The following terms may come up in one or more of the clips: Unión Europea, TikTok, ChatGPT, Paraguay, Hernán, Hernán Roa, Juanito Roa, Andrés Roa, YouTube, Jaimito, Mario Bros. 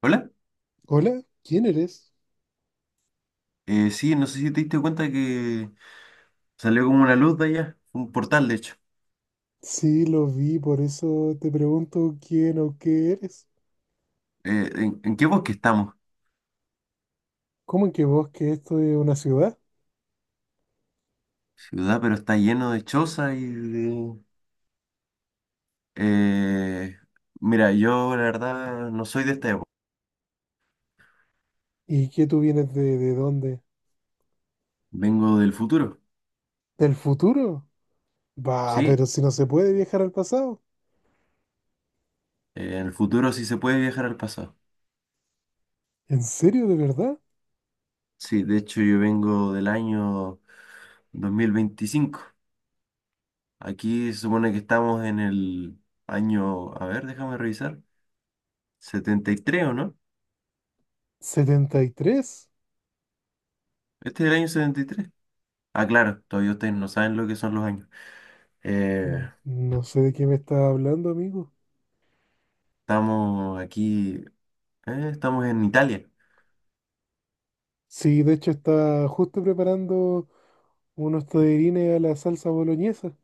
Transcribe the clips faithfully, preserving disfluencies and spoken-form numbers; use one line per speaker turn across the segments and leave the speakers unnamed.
Hola,
Hola, ¿quién eres?
eh, sí, no sé si te diste cuenta que salió como una luz de allá, un portal de hecho.
Sí, lo vi, por eso te pregunto quién o qué eres.
Eh, ¿en, en qué bosque estamos?
¿Cómo en que vos que esto es una ciudad?
Ciudad, pero está lleno de chozas y de... Eh, mira, yo la verdad no soy de esta época,
¿Y que tú vienes de, de dónde?
vengo del futuro,
¿Del futuro? Bah,
¿sí?
pero si no se puede viajar al pasado.
Eh, en el futuro sí se puede viajar al pasado.
¿En serio, de verdad?
Sí, de hecho yo vengo del año dos mil veinticinco. Aquí se supone que estamos en el año, a ver, déjame revisar, ¿setenta y tres o no?
¿setenta y tres?
¿Este es el año setenta y tres? Ah, claro, todavía ustedes no saben lo que son los años. Eh,
Mm, No sé de qué me estás hablando, amigo.
estamos aquí, eh, estamos en Italia.
Sí, de hecho está justo preparando unos tallarines a la salsa boloñesa.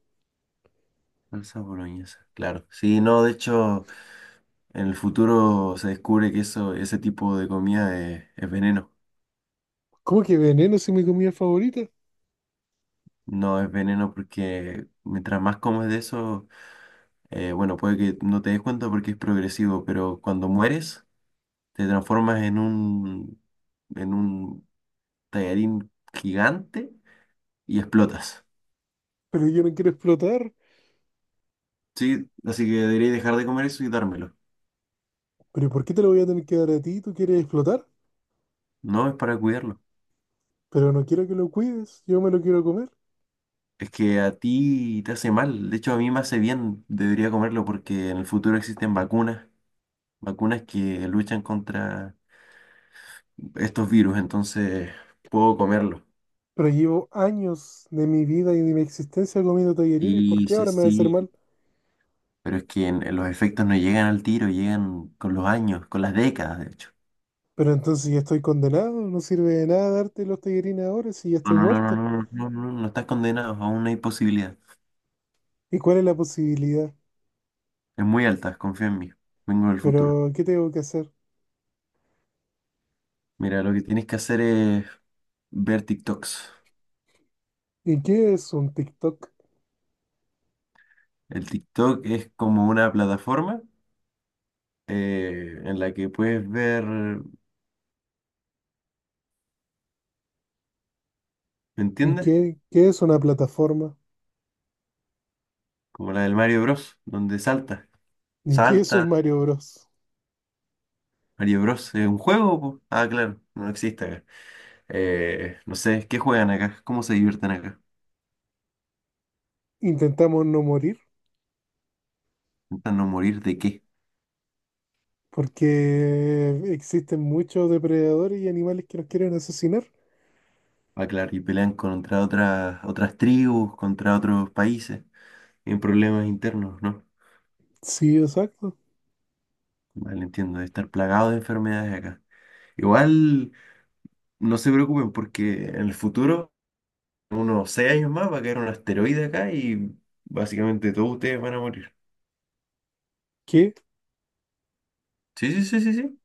Salsa boloñesa, claro. Sí, no, de hecho, en el futuro se descubre que eso, ese tipo de comida es, es veneno.
¿Cómo que veneno si mi comida favorita?
No es veneno porque mientras más comes de eso, eh, bueno, puede que no te des cuenta porque es progresivo, pero cuando mueres, te transformas en un, en un tallarín gigante y explotas.
Pero yo no quiero explotar.
Sí, así que debería dejar de comer eso y dármelo.
Pero ¿y por qué te lo voy a tener que dar a ti? ¿Tú quieres explotar?
No, es para cuidarlo.
Pero no quiero que lo cuides, yo me lo quiero comer.
Es que a ti te hace mal. De hecho, a mí me hace bien. Debería comerlo porque en el futuro existen vacunas, vacunas que luchan contra estos virus. Entonces, puedo comerlo.
Pero llevo años de mi vida y de mi existencia comiendo tallarines, ¿por
Sí,
qué
sí,
ahora me va a hacer
sí.
mal?
Pero es que en- en los efectos no llegan al tiro, llegan con los años, con las décadas, de hecho.
Pero entonces ya estoy condenado, no sirve de nada darte los tallarines ahora si ya
No,
estoy
no, no, no,
muerto.
no, no, no, no, no estás condenado. Aún no hay posibilidad.
¿Y cuál es la posibilidad?
Es muy alta, confía en mí. Vengo del futuro.
Pero ¿qué tengo que hacer?
Mira, lo que tienes que hacer es ver TikToks.
¿Y qué es un TikTok?
El TikTok es como una plataforma eh, en la que puedes ver, ¿me
¿Y
entiendes?
qué, qué es una plataforma?
Como la del Mario Bros, donde salta,
¿Y qué es un
salta,
Mario Bros?
Mario Bros, ¿es un juego? ¿po? Ah, claro, no existe acá. Eh, no sé, ¿qué juegan acá? ¿Cómo se divierten acá?
Intentamos no morir
¿Intentan no morir de qué?
porque existen muchos depredadores y animales que nos quieren asesinar.
Ah, claro, y pelean contra otras, otras tribus, contra otros países, en problemas internos, ¿no?
Sí, exacto.
Vale, entiendo, de estar plagado de enfermedades acá. Igual, no se preocupen porque en el futuro unos seis años más va a caer un asteroide acá y básicamente todos ustedes van a morir.
¿Qué?
Sí, sí, sí, sí, sí.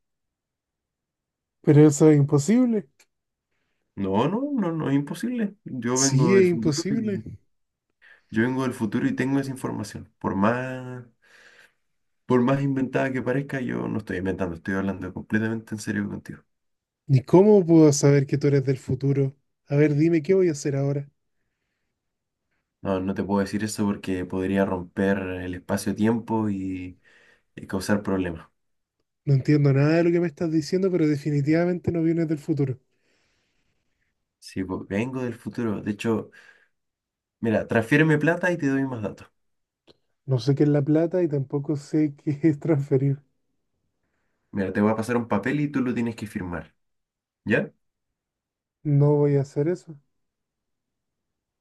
Pero eso es imposible.
No, no, no, no es imposible. Yo
Sí,
vengo del
es
futuro
imposible.
y, yo vengo del futuro y tengo esa información. Por más, por más inventada que parezca, yo no estoy inventando, estoy hablando completamente en serio contigo.
¿Ni cómo puedo saber que tú eres del futuro? A ver, dime qué voy a hacer ahora.
No, no te puedo decir eso porque podría romper el espacio-tiempo y, y causar problemas.
No entiendo nada de lo que me estás diciendo, pero definitivamente no vienes del futuro.
Sí, pues, vengo del futuro. De hecho, mira, transfiéreme plata y te doy más datos.
No sé qué es la plata y tampoco sé qué es transferir.
Mira, te voy a pasar un papel y tú lo tienes que firmar. ¿Ya?
No voy a hacer eso,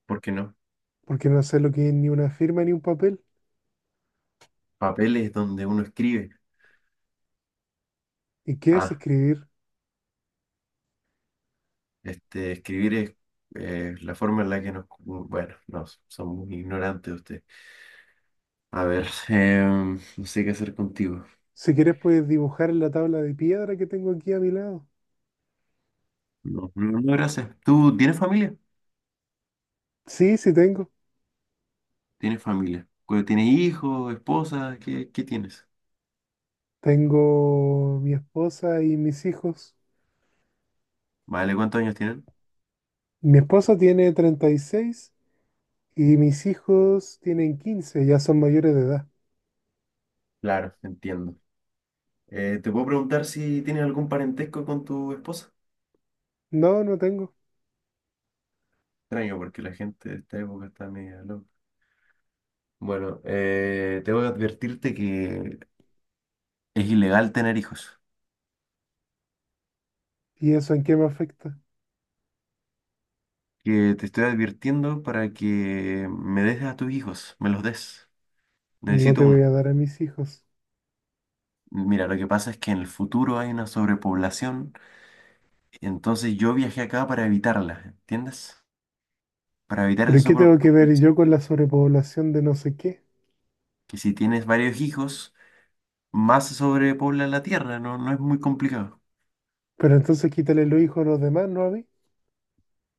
¿Por qué no?
porque no sé lo que es ni una firma ni un papel.
Papeles donde uno escribe.
¿Y qué es
Ah,
escribir?
este, escribir es eh, la forma en la que nos... Bueno, no, son muy ignorantes ustedes. A ver, em, no sé qué hacer contigo.
Si quieres puedes dibujar en la tabla de piedra que tengo aquí a mi lado.
No, no, no, gracias. ¿Tú tienes familia?
Sí, sí tengo.
¿Tienes familia? Cu- ¿Tienes hijos, esposa? ¿Qué, qué tienes?
Tengo mi esposa y mis hijos.
Vale, ¿cuántos años tienen?
Mi esposa tiene treinta y seis y mis hijos tienen quince, ya son mayores de edad.
Claro, entiendo. Eh, ¿te puedo preguntar si tienes algún parentesco con tu esposa?
No, no tengo.
Extraño, porque la gente de esta época está media loca. Bueno, eh, tengo que advertirte que es ilegal tener hijos.
¿Y eso en qué me afecta?
Que te estoy advirtiendo para que me des a tus hijos, me los des.
No
Necesito
te voy
uno.
a dar a mis hijos.
Mira, lo que pasa es que en el futuro hay una sobrepoblación, entonces yo viajé acá para evitarla, ¿entiendes? Para evitar
¿Pero
esa
y qué tengo que ver
sobrepoblación.
yo con la sobrepoblación de no sé qué?
Que si tienes varios hijos, más se sobrepobla la tierra, no, no es muy complicado.
Pero entonces quítale los hijos a los demás, ¿no a mí?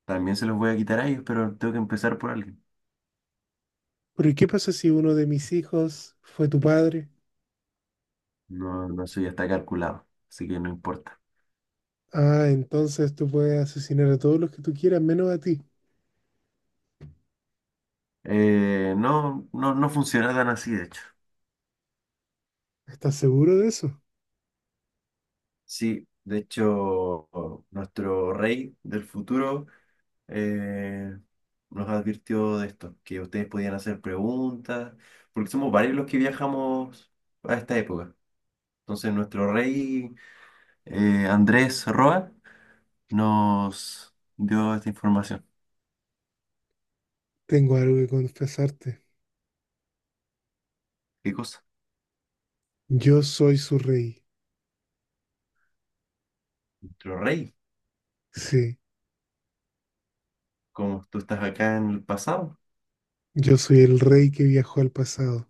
También se los voy a quitar a ellos, pero tengo que empezar por alguien.
¿Pero y qué pasa si uno de mis hijos fue tu padre?
No, no, eso ya está calculado, así que no importa.
Ah, entonces tú puedes asesinar a todos los que tú quieras, menos a ti.
Eh, no, no, no funciona tan así, de hecho.
¿Estás seguro de eso?
Sí, de hecho, nuestro rey del futuro eh, nos advirtió de esto, que ustedes podían hacer preguntas, porque somos varios los que viajamos a esta época. Entonces, nuestro rey eh, Andrés Roa nos dio esta información.
Tengo algo que confesarte.
¿Qué cosa?
Yo soy su rey.
Nuestro rey,
Sí.
como tú estás acá en el pasado,
Yo soy el rey que viajó al pasado,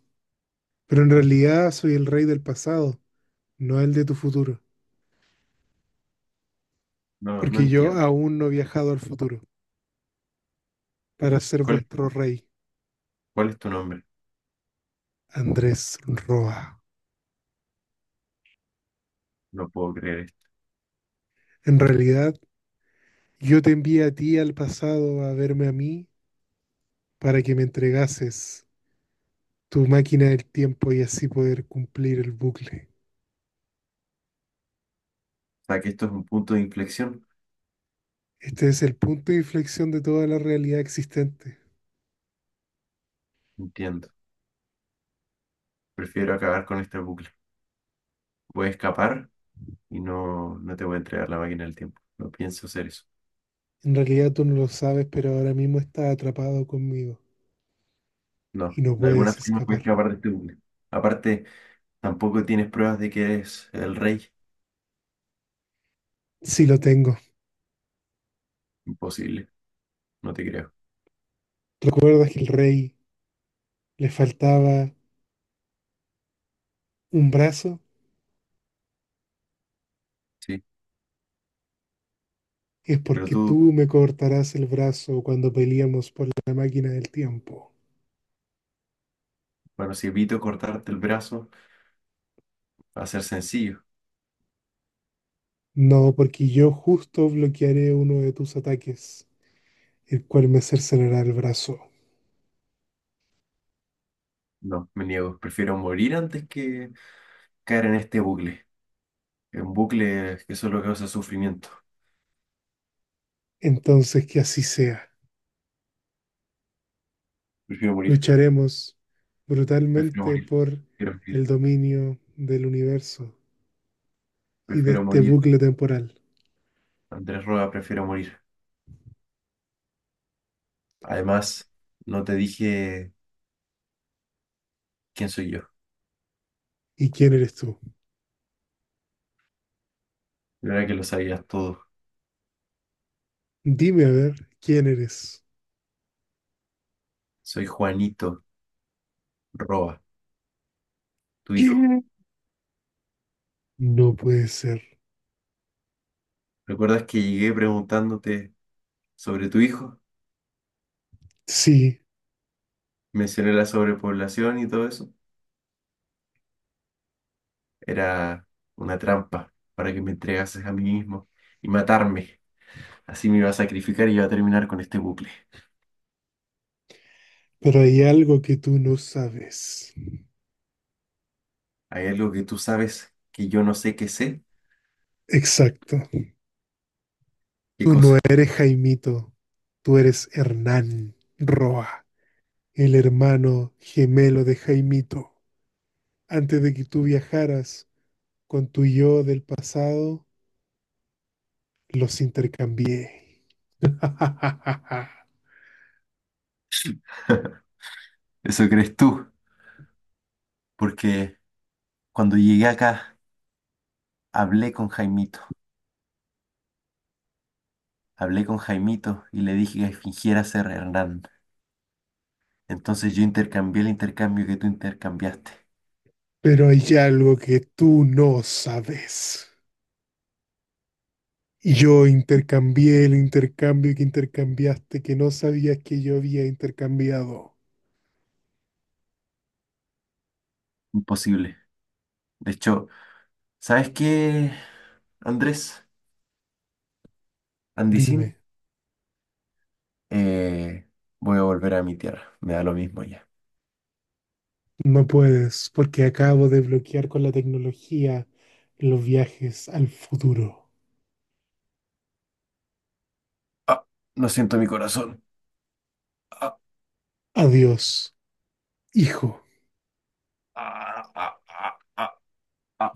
pero en realidad soy el rey del pasado, no el de tu futuro,
no, no
porque yo
entiendo.
aún no he viajado al futuro para ser
¿Cuál es,
vuestro
tu-
rey,
¿cuál es tu nombre?
Andrés Roa.
No puedo creer esto.
En realidad, yo te envié a ti al pasado a verme a mí para que me entregases tu máquina del tiempo y así poder cumplir el bucle.
O sea, que esto es un punto de inflexión.
Este es el punto de inflexión de toda la realidad existente.
No entiendo. Prefiero acabar con este bucle. Voy a escapar y no, no te voy a entregar la máquina del tiempo. No pienso hacer eso.
En realidad tú no lo sabes, pero ahora mismo estás atrapado conmigo
No,
y no
de alguna
puedes
forma puedes
escapar.
escapar de este bucle. Aparte, tampoco tienes pruebas de que eres el rey.
Sí lo tengo.
Imposible, no te creo.
¿Recuerdas que el rey le faltaba un brazo?
Sí,
Es
pero
porque
tú,
tú me cortarás el brazo cuando peleamos por la máquina del tiempo.
bueno, si evito cortarte el brazo, va a ser sencillo.
No, porque yo justo bloquearé uno de tus ataques, el cual me cercenará el brazo.
No, me niego. Prefiero morir antes que caer en este bucle. Un bucle que solo causa sufrimiento.
Entonces que así sea.
Prefiero morir,
Lucharemos
prefiero
brutalmente
morir,
por
prefiero
el
morir,
dominio del universo y de
prefiero
este
morir.
bucle temporal.
Andrés Roa, prefiero morir. Además, no te dije ¿quién soy yo?
¿Y quién eres tú?
Yo era que lo sabías todo.
Dime a ver, ¿quién eres?
Soy Juanito Roa, tu hijo.
¿Quién? No puede ser.
¿Recuerdas que llegué preguntándote sobre tu hijo?
Sí,
Mencioné la sobrepoblación y todo eso. Era una trampa para que me entregases a mí mismo y matarme. Así me iba a sacrificar y iba a terminar con este bucle.
pero hay algo que tú no sabes.
Hay algo que tú sabes que yo no sé qué sé.
Exacto.
¿Qué
Tú no
cosa?
eres Jaimito, tú eres Hernán Roa, el hermano gemelo de Jaimito. Antes de que tú viajaras con tu yo del pasado, los intercambié.
Eso crees tú, porque cuando llegué acá hablé con Jaimito, hablé con Jaimito y le dije que fingiera ser Hernán. Entonces yo intercambié el intercambio que tú intercambiaste.
Pero hay algo que tú no sabes. Yo intercambié el intercambio que intercambiaste que no sabías que yo había intercambiado.
Imposible. De hecho, ¿sabes qué, Andrés? Andisín,
Dime.
eh, voy a volver a mi tierra. Me da lo mismo ya.
No puedes, porque acabo de bloquear con la tecnología los viajes al futuro.
Ah, no siento mi corazón. Ah,
Adiós, hijo.
ah, ah, ah, ah, ah.